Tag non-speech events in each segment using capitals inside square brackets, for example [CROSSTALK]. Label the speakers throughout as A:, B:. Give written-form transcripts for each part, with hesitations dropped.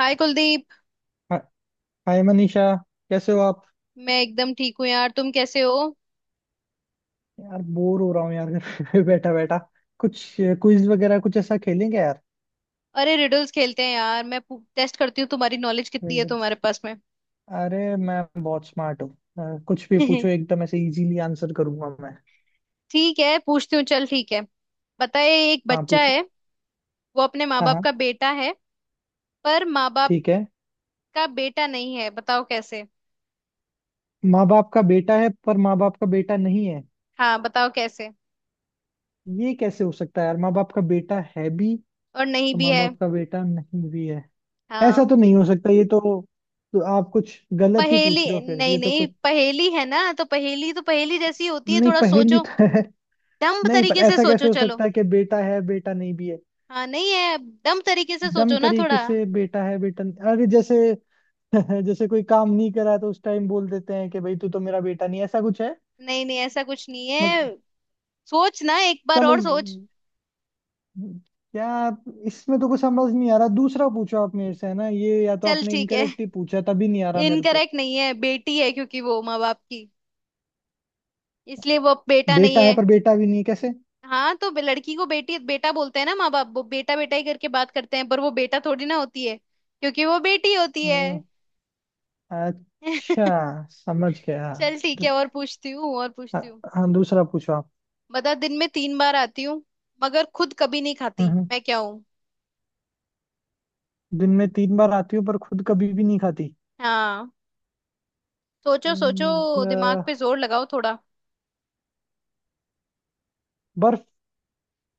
A: हाय कुलदीप।
B: हा- हाय मनीषा। कैसे हो आप?
A: मैं एकदम ठीक हूँ यार, तुम कैसे हो?
B: यार बोर हो रहा हूँ यार, घर पे [LAUGHS] बैठा बैठा कुछ क्विज वगैरह कुछ ऐसा खेलेंगे यार?
A: अरे रिडल्स खेलते हैं यार, मैं टेस्ट करती हूँ तुम्हारी नॉलेज कितनी है
B: रिडल्स।
A: तुम्हारे पास में।
B: अरे मैं बहुत स्मार्ट हूँ, कुछ भी
A: [LAUGHS]
B: पूछो, एकदम ऐसे इजीली आंसर करूंगा मैं।
A: ठीक है, पूछती हूँ, चल ठीक है। बताए, एक
B: हाँ,
A: बच्चा
B: पूछो।
A: है, वो अपने माँ
B: हाँ
A: बाप
B: हाँ,
A: का बेटा है, पर माँ बाप
B: ठीक है।
A: का बेटा नहीं है, बताओ कैसे?
B: माँ बाप का बेटा है पर माँ बाप का बेटा नहीं है।
A: हाँ, बताओ कैसे?
B: ये कैसे हो सकता है यार? माँ बाप का बेटा है भी
A: और नहीं
B: और
A: भी
B: माँ
A: है।
B: बाप का बेटा नहीं भी है। ऐसा
A: हाँ।
B: तो नहीं हो सकता ये तो। तो आप कुछ गलत ही
A: पहेली,
B: पूछ रहे हो फिर,
A: नहीं
B: ये तो
A: नहीं,
B: कुछ।
A: पहेली है ना, तो पहेली जैसी ही होती है,
B: नहीं,
A: थोड़ा
B: पहेली
A: सोचो।
B: तो है।
A: दम्ब
B: नहीं पर
A: तरीके से
B: ऐसा
A: सोचो,
B: कैसे हो
A: चलो।
B: सकता है कि बेटा है बेटा नहीं भी है।
A: हाँ, नहीं है, दम तरीके से
B: दम
A: सोचो ना
B: तरीके
A: थोड़ा।
B: से बेटा है बेटा नहीं- अरे जैसे [LAUGHS] जैसे कोई काम नहीं करा तो उस टाइम बोल देते हैं कि भाई तू तो मेरा बेटा नहीं है, ऐसा कुछ है।
A: नहीं नहीं, ऐसा कुछ नहीं
B: मतलब।
A: है। सोच ना, एक बार
B: चलो
A: और सोच।
B: यार, इसमें तो कुछ समझ नहीं आ रहा, दूसरा पूछो आप मेरे से, है ना? ये या तो
A: चल
B: आपने
A: ठीक है,
B: इनकरेक्ट ही पूछा तभी नहीं आ रहा मेरे को।
A: इनकरेक्ट नहीं है, बेटी है क्योंकि वो माँ बाप की, इसलिए वो बेटा नहीं
B: बेटा है
A: है।
B: पर बेटा भी नहीं है, कैसे?
A: हाँ तो लड़की को बेटी बेटा बोलते हैं ना माँ बाप, वो बेटा बेटा ही करके बात करते हैं, पर वो बेटा थोड़ी ना होती है, क्योंकि वो बेटी होती है।
B: हम्म, अच्छा,
A: [LAUGHS]
B: समझ गया।
A: चल ठीक
B: तो-
A: है, और पूछती हूँ, और
B: हाँ
A: पूछती हूँ।
B: हाँ, दूसरा पूछो आप।
A: बता, दिन में 3 बार आती हूँ मगर खुद कभी नहीं खाती,
B: हम्म,
A: मैं क्या हूँ?
B: दिन में तीन बार आती हूँ पर खुद कभी भी नहीं खाती।
A: हाँ, सोचो सोचो। दिमाग पे
B: यह-
A: जोर लगाओ थोड़ा।
B: बर्फ।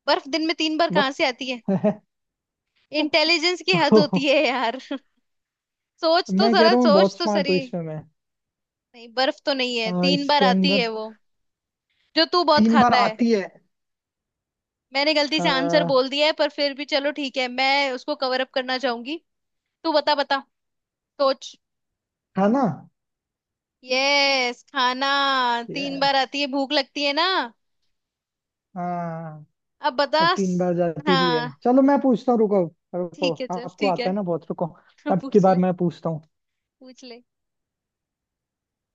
A: बर्फ दिन में 3 बार कहाँ
B: बर्फ
A: से आती है?
B: [LAUGHS] है।
A: इंटेलिजेंस की हद होती
B: तो
A: है यार। [LAUGHS] सोच तो
B: मैं कह
A: जरा,
B: रहा हूँ
A: सोच
B: बहुत
A: तो
B: स्मार्ट हूँ
A: सही।
B: इसमें मैं।
A: नहीं, बर्फ तो नहीं है, 3 बार
B: इसके
A: आती
B: अंदर
A: है वो, जो तू बहुत
B: तीन बार
A: खाता है।
B: आती है।
A: मैंने गलती से आंसर
B: अ,
A: बोल दिया है, पर फिर भी चलो ठीक है, मैं उसको कवर अप करना चाहूंगी। तू बता बता, सोच।
B: है ना?
A: यस, खाना। 3 बार
B: यस।
A: आती है, भूख लगती है ना।
B: हाँ
A: अब
B: और
A: बता
B: तीन बार जाती भी है।
A: हाँ
B: चलो मैं पूछता हूँ, रुको। रुको,
A: ठीक है, चल
B: आपको
A: ठीक
B: आता
A: है।
B: है ना बहुत, रुको।
A: [LAUGHS]
B: अब की
A: पूछ
B: बार
A: ले,
B: मैं पूछता हूँ।
A: पूछ ले।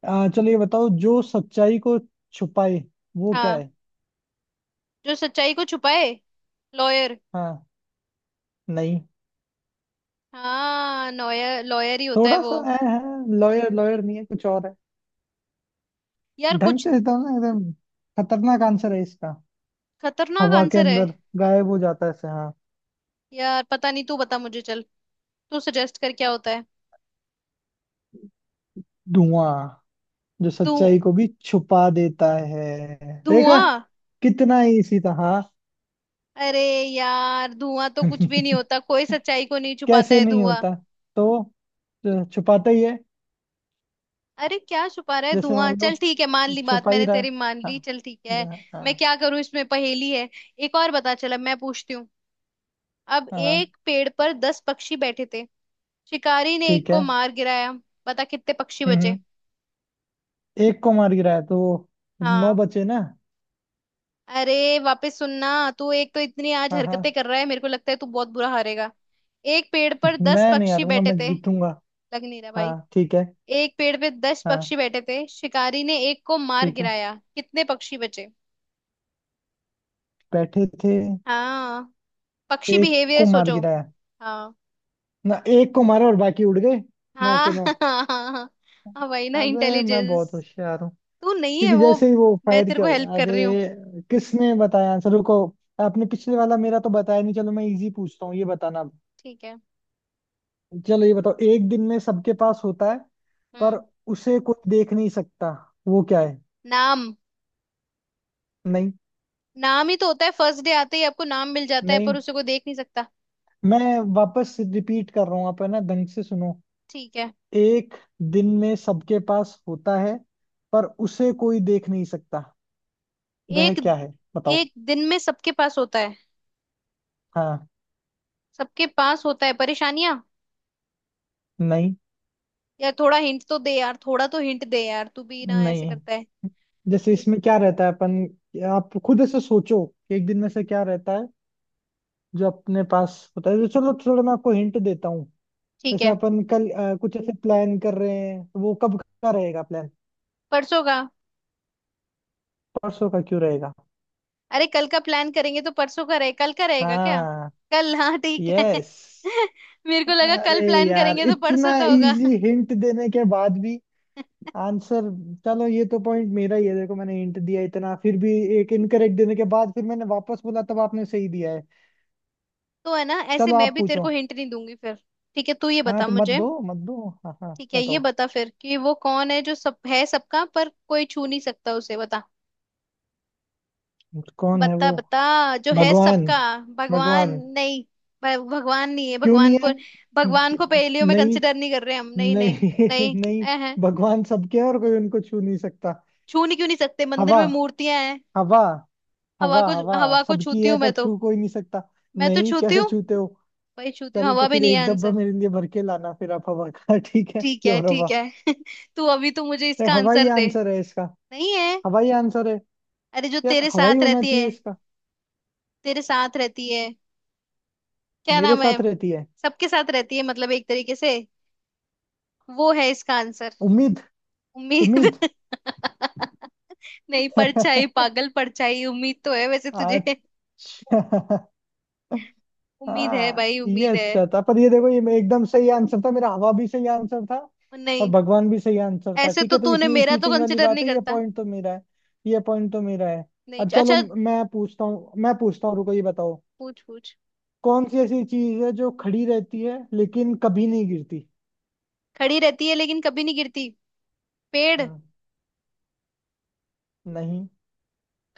B: चलो ये बताओ, जो सच्चाई को छुपाए वो क्या
A: हाँ,
B: है?
A: जो सच्चाई को छुपाए, लॉयर।
B: हाँ। नहीं।
A: हाँ, लॉयर लॉयर ही होता है
B: थोड़ा सा।
A: वो।
B: लॉयर लॉयर नहीं है, कुछ और है।
A: यार
B: ढंग
A: कुछ।
B: से बताओ ना एकदम। खतरनाक आंसर है इसका।
A: खतरनाक
B: हवा के
A: आंसर है।
B: अंदर गायब हो जाता है ऐसे, हाँ।
A: यार पता नहीं, तू बता मुझे चल। तू सजेस्ट कर क्या होता है।
B: धुआं, जो
A: धु
B: सच्चाई को भी छुपा देता है। देखा,
A: धुआं।
B: कितना इसी तरह।
A: अरे यार, धुआं तो कुछ भी नहीं
B: [LAUGHS]
A: होता, कोई सच्चाई को नहीं छुपाता
B: कैसे
A: है
B: नहीं
A: धुआं।
B: होता? तो जो छुपाता ही है।
A: अरे क्या छुपा रहा है
B: जैसे
A: धुआं,
B: मान लो,
A: चल ठीक है, मान ली बात,
B: छुपा ही
A: मैंने
B: रहा है।
A: तेरी मान
B: हाँ,
A: ली, चल ठीक है।
B: हाँ,
A: मैं
B: हाँ,
A: क्या करूं, इसमें पहेली है। एक और बता, चल अब मैं पूछती हूँ। अब
B: हाँ,
A: एक पेड़ पर 10 पक्षी बैठे थे, शिकारी ने एक
B: ठीक है।
A: को मार गिराया, बता कितने पक्षी
B: हम्म
A: बचे?
B: हम्म, एक को मार गिराया तो नौ
A: हाँ।
B: बचे ना?
A: अरे वापस सुनना। तू एक तो इतनी आज
B: हाँ,
A: हरकतें
B: हाँ।
A: कर रहा है, मेरे को लगता है तू बहुत बुरा हारेगा। एक पेड़ पर 10
B: मैं नहीं
A: पक्षी
B: हारूंगा,
A: बैठे
B: मैं
A: थे।
B: जीतूंगा।
A: लग नहीं रहा भाई।
B: हाँ ठीक है।
A: एक पेड़ पे 10
B: हाँ
A: पक्षी बैठे थे, शिकारी ने एक को मार
B: ठीक है।
A: गिराया, कितने पक्षी बचे?
B: बैठे थे।
A: हाँ। पक्षी
B: एक को
A: बिहेवियर
B: मार
A: सोचो।
B: गिराया।
A: हाँ
B: ना, एक को मारा और बाकी उड़ गए। नौ
A: हाँ।
B: के नौ।
A: [LAUGHS] हाँ हाँ। हाँ, वही ना,
B: अबे, मैं
A: इंटेलिजेंस।
B: बहुत होशियार हूँ।
A: तू नहीं है
B: क्योंकि
A: वो।
B: जैसे ही वो
A: मैं
B: फायर
A: तेरे को
B: किया।
A: हेल्प कर रही हूँ।
B: अरे, किसने बताया आंसर, रुको। आपने पिछले वाला मेरा तो बताया नहीं, चलो मैं इजी पूछता हूँ, ये बताना अब।
A: ठीक है।
B: चलो ये बताओ, एक दिन में सबके पास होता है पर
A: हम्म।
B: उसे कोई देख नहीं सकता, वो क्या है?
A: नाम।
B: नहीं,
A: नाम ही तो होता है, फर्स्ट डे आते ही आपको नाम मिल जाता है,
B: नहीं।
A: पर उसे कोई देख नहीं सकता।
B: मैं वापस रिपीट कर रहा हूँ, आप है ना, ढंग से सुनो।
A: ठीक है।
B: एक दिन में सबके पास होता है पर उसे कोई देख नहीं सकता, वह
A: एक
B: क्या है? बताओ।
A: एक दिन में सबके पास होता है।
B: हाँ।
A: सबके पास होता है परेशानियां।
B: नहीं,
A: यार थोड़ा हिंट तो दे, यार थोड़ा तो हिंट दे यार, तू भी ना ऐसे
B: नहीं।
A: करता है।
B: जैसे इसमें
A: [LAUGHS]
B: क्या रहता है अपन? आप खुद ऐसे सोचो कि एक दिन में से क्या रहता है जो अपने पास होता है। तो चलो, थोड़ा मैं आपको हिंट देता हूँ।
A: ठीक
B: जैसे
A: है।
B: अपन कल कुछ ऐसे प्लान कर रहे हैं, तो वो कब का रहेगा प्लान?
A: परसों का?
B: परसों का क्यों रहेगा?
A: अरे, कल का प्लान करेंगे तो परसों का रहे, कल का रहेगा क्या?
B: हाँ।
A: कल, हाँ ठीक है। [LAUGHS]
B: यस।
A: मेरे को लगा
B: अरे
A: कल प्लान
B: यार,
A: करेंगे तो
B: इतना
A: परसों का होगा। [LAUGHS]
B: इजी हिंट देने के बाद भी आंसर। चलो ये तो पॉइंट मेरा ही है, देखो मैंने हिंट दिया इतना, फिर भी। एक इनकरेक्ट देने के बाद फिर मैंने वापस बोला तब आपने सही दिया है।
A: तो है ना, ऐसे
B: चलो
A: मैं
B: आप
A: भी तेरे
B: पूछो।
A: को हिंट नहीं दूंगी फिर। ठीक है तू ये
B: हाँ
A: बता
B: तो मत
A: मुझे।
B: दो, मत दो, हाँ हाँ,
A: ठीक है, ये
B: बताओ।
A: बता फिर कि वो कौन है जो सब है सबका पर कोई छू नहीं सकता उसे, बता।
B: कौन है
A: बता
B: वो?
A: बता, जो है
B: भगवान।
A: सबका। भगवान
B: भगवान
A: नहीं। भगवान नहीं है,
B: क्यों
A: भगवान
B: नहीं
A: को।
B: है?
A: भगवान को
B: क्यों-
A: पहेलियों में
B: नहीं,
A: कंसिडर नहीं कर रहे हम, नहीं
B: नहीं,
A: नहीं।
B: [LAUGHS]
A: नहीं।
B: नहीं।
A: ऐ है।
B: भगवान सबके है और कोई उनको छू नहीं सकता।
A: छू नहीं क्यों नहीं सकते, मंदिर
B: हवा,
A: में मूर्तियां हैं।
B: हवा,
A: हवा
B: हवा,
A: को
B: हवा।
A: हवा को
B: सबकी
A: छूती
B: है
A: हूँ मैं
B: पर
A: तो।
B: छू कोई नहीं सकता।
A: मैं तो
B: नहीं,
A: छूती
B: कैसे
A: हूँ।
B: छूते हो?
A: भाई छूती हूँ,
B: चलो
A: हवा
B: तो
A: भी
B: फिर
A: नहीं है
B: एक डब्बा
A: आंसर।
B: मेरे लिए भर के लाना फिर आप हवा का [LAUGHS] ठीक है,
A: ठीक
B: क्यों
A: है,
B: हवा।
A: ठीक है। [LAUGHS] तू अभी तो मुझे
B: तो
A: इसका
B: हवा ही
A: आंसर दे।
B: आंसर है इसका।
A: नहीं है।
B: हवा ही आंसर है।
A: अरे, जो
B: यार
A: तेरे
B: हवा ही
A: साथ
B: होना
A: रहती
B: चाहिए
A: है,
B: इसका।
A: तेरे साथ रहती है। क्या
B: मेरे
A: नाम है?
B: साथ रहती है?
A: सबके साथ रहती है मतलब, एक तरीके से। वो है इसका आंसर।
B: उम्मीद।
A: उम्मीद?
B: उम्मीद
A: [LAUGHS] नहीं, परछाई
B: [LAUGHS]
A: पागल, परछाई। उम्मीद तो है वैसे तुझे।
B: अच्छा
A: [LAUGHS]
B: [LAUGHS]
A: उम्मीद है
B: हाँ
A: भाई,
B: ये
A: उम्मीद है।
B: अच्छा था, पर ये देखो, ये एकदम सही आंसर था मेरा, हवा भी सही आंसर था।
A: और
B: और
A: नहीं।
B: भगवान भी सही आंसर था।
A: ऐसे
B: ठीक
A: तो
B: है, तो
A: तूने
B: इसमें ये
A: मेरा तो
B: चीटिंग वाली
A: कंसिडर
B: बात
A: नहीं
B: है, ये
A: करता।
B: पॉइंट तो मेरा है। ये पॉइंट तो मेरा है।
A: नहीं,
B: अब चलो
A: अच्छा।
B: मैं पूछता हूँ, मैं पूछता हूँ, रुको, ये बताओ।
A: पूछ पूछ।
B: कौन सी ऐसी चीज है जो खड़ी रहती है लेकिन कभी नहीं गिरती?
A: खड़ी रहती है लेकिन कभी नहीं गिरती, पेड़।
B: हम्म, नहीं।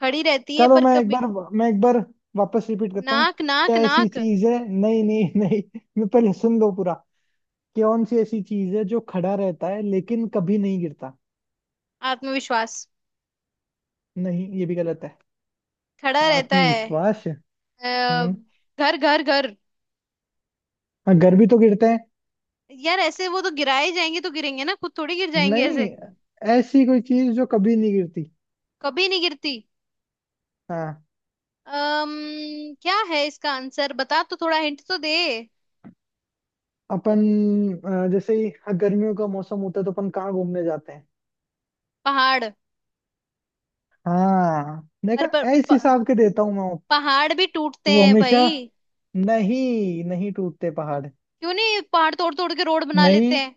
A: खड़ी रहती है
B: चलो
A: पर
B: मैं एक
A: कभी।
B: बार मैं एक बार वापस रिपीट करता हूँ।
A: नाक नाक
B: क्या ऐसी
A: नाक।
B: चीज है, नहीं नहीं नहीं, मैं पहले सुन लो पूरा। कौन सी ऐसी चीज है जो खड़ा रहता है लेकिन कभी नहीं गिरता?
A: आत्मविश्वास।
B: नहीं, ये भी गलत है।
A: खड़ा रहता है।
B: आत्मविश्वास है।
A: अ,
B: हम्म।
A: घर घर घर।
B: हाँ, घर भी तो गिरते हैं।
A: यार ऐसे वो तो गिराए जाएंगे तो गिरेंगे ना, खुद थोड़ी गिर जाएंगे
B: नहीं।
A: ऐसे।
B: ऐसी कोई चीज जो कभी नहीं गिरती।
A: कभी नहीं गिरती।
B: हाँ।
A: क्या है इसका आंसर, बता तो, थोड़ा हिंट तो दे।
B: अपन। जैसे ही हाँ, गर्मियों का मौसम होता है तो अपन कहाँ घूमने जाते हैं?
A: पहाड़।
B: हाँ देखा।
A: अरे पर,
B: ऐसे हिसाब के देता हूँ मैं वो।
A: पहाड़ भी टूटते
B: तो वो
A: हैं
B: हमेशा।
A: भाई।
B: नहीं, नहीं टूटते पहाड़।
A: क्यों नहीं, पहाड़ तोड़ तोड़ के रोड बना लेते
B: नहीं,
A: हैं।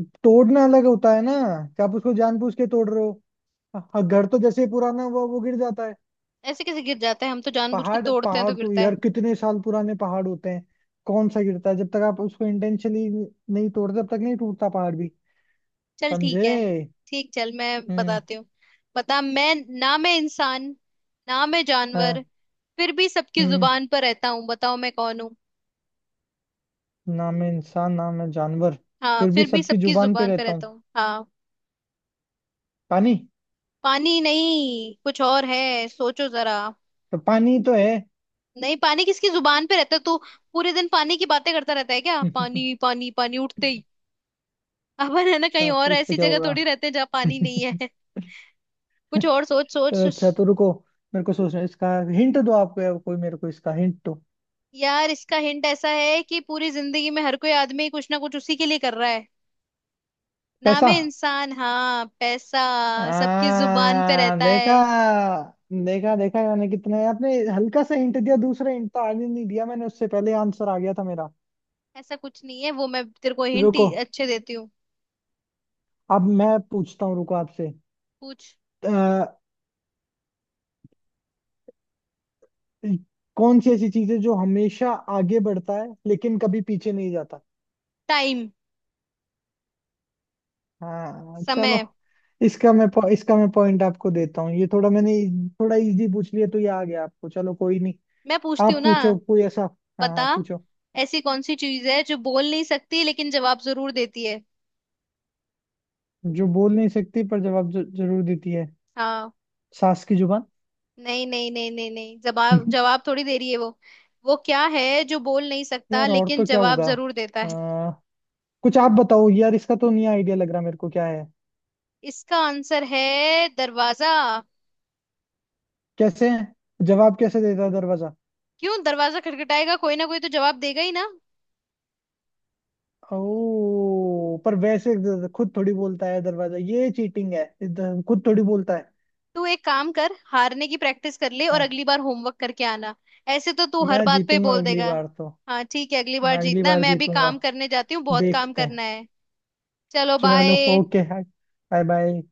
B: तोड़ना अलग होता है ना। क्या आप उसको जानबूझ के तोड़ रहे हो? हाँ, घर तो जैसे ही पुराना हुआ वो गिर जाता है।
A: ऐसे कैसे गिर जाता है, हम तो जानबूझ के
B: पहाड़,
A: तोड़ते हैं तो
B: पहाड़ तो
A: गिरता है।
B: यार कितने साल पुराने पहाड़ होते हैं। कौन सा गिरता है, जब तक आप उसको इंटेंशनली नहीं तोड़ते तब तक नहीं टूटता पहाड़ भी।
A: चल ठीक
B: समझे?
A: है। ठीक चल, मैं
B: हम्म।
A: बताती हूँ। बता, मैं ना मैं इंसान, ना मैं जानवर,
B: हाँ।
A: फिर भी सबकी
B: हम्म।
A: जुबान पर रहता हूँ, बताओ मैं कौन हूँ?
B: ना मैं इंसान, ना मैं जानवर,
A: हाँ,
B: फिर भी
A: फिर भी
B: सबकी
A: सबकी
B: जुबान पे
A: जुबान पर
B: रहता
A: रहता
B: हूँ।
A: हूँ, हाँ।
B: पानी।
A: पानी नहीं, कुछ और है, सोचो जरा।
B: तो पानी तो है।
A: नहीं पानी, किसकी जुबान पे रहता है तो? पूरे दिन पानी की बातें करता रहता है क्या, पानी
B: [LAUGHS]
A: पानी पानी उठते ही। अपन है ना, कहीं
B: अच्छा,
A: और
B: तो इसका
A: ऐसी
B: क्या
A: जगह
B: होगा?
A: थोड़ी रहते हैं जहाँ पानी नहीं है। [LAUGHS] कुछ
B: [LAUGHS]
A: और सोच सोच।
B: अच्छा, तो रुको। मेरे को सोचना है, इसका हिंट दो आपको, कोई मेरे को इसका हिंट दो।
A: यार इसका हिंट ऐसा है कि पूरी जिंदगी में हर कोई आदमी कुछ ना कुछ उसी के लिए कर रहा है। नाम
B: पैसा।
A: है इंसान। हाँ, पैसा। सबकी जुबान पे
B: हाँ,
A: रहता
B: देखा,
A: है।
B: देखा, देखा मैंने, कितने आपने हल्का सा हिंट दिया, दूसरा हिंट तो आगे नहीं दिया मैंने, उससे पहले आंसर आ गया था मेरा।
A: ऐसा कुछ नहीं है वो, मैं तेरे को हिंट
B: रुको,
A: अच्छे देती हूँ।
B: अब मैं पूछता हूँ, रुको आपसे।
A: पूछ।
B: अ, कौन सी ऐसी चीज है जो हमेशा आगे बढ़ता है लेकिन कभी पीछे नहीं जाता?
A: टाइम,
B: हाँ चलो।
A: समय।
B: इसका मैं पॉइंट आपको देता हूँ, ये थोड़ा मैंने थोड़ा इजी पूछ लिया तो ये आ गया आपको, चलो कोई नहीं।
A: मैं पूछती हूँ
B: आप
A: ना।
B: पूछो कोई ऐसा। हाँ
A: बता,
B: हाँ, पूछो।
A: ऐसी कौन सी चीज है जो बोल नहीं सकती लेकिन जवाब जरूर देती है?
B: जो बोल नहीं सकती पर जवाब जरूर देती है।
A: हाँ।
B: सास की जुबान।
A: नहीं नहीं नहीं नहीं नहीं, जवाब
B: [LAUGHS]
A: जवाब थोड़ी दे रही है वो। वो क्या है जो बोल नहीं सकता
B: यार और
A: लेकिन
B: तो क्या
A: जवाब
B: होगा?
A: जरूर देता है।
B: आ, कुछ आप बताओ यार, इसका तो नहीं आइडिया लग रहा मेरे को, क्या है?
A: इसका आंसर है दरवाजा।
B: कैसे है? जवाब कैसे देता है दरवाजा?
A: क्यों, दरवाजा खटखटाएगा कोई, ना कोई तो जवाब देगा ही ना।
B: ओ पर वैसे खुद थोड़ी बोलता है दरवाजा, ये चीटिंग है इधर, खुद थोड़ी बोलता है।
A: तू एक काम कर, हारने की प्रैक्टिस कर ले, और
B: हाँ।
A: अगली बार होमवर्क करके आना। ऐसे तो तू हर
B: मैं
A: बात पे
B: जीतूंगा
A: बोल
B: अगली
A: देगा।
B: बार तो।
A: हाँ ठीक है, अगली बार
B: मैं अगली
A: जीतना,
B: बार
A: मैं अभी
B: जीतूंगा।
A: काम करने जाती हूँ, बहुत काम
B: देखते
A: करना
B: हैं।
A: है। चलो
B: चलो।
A: बाय।
B: ओके। Bye bye.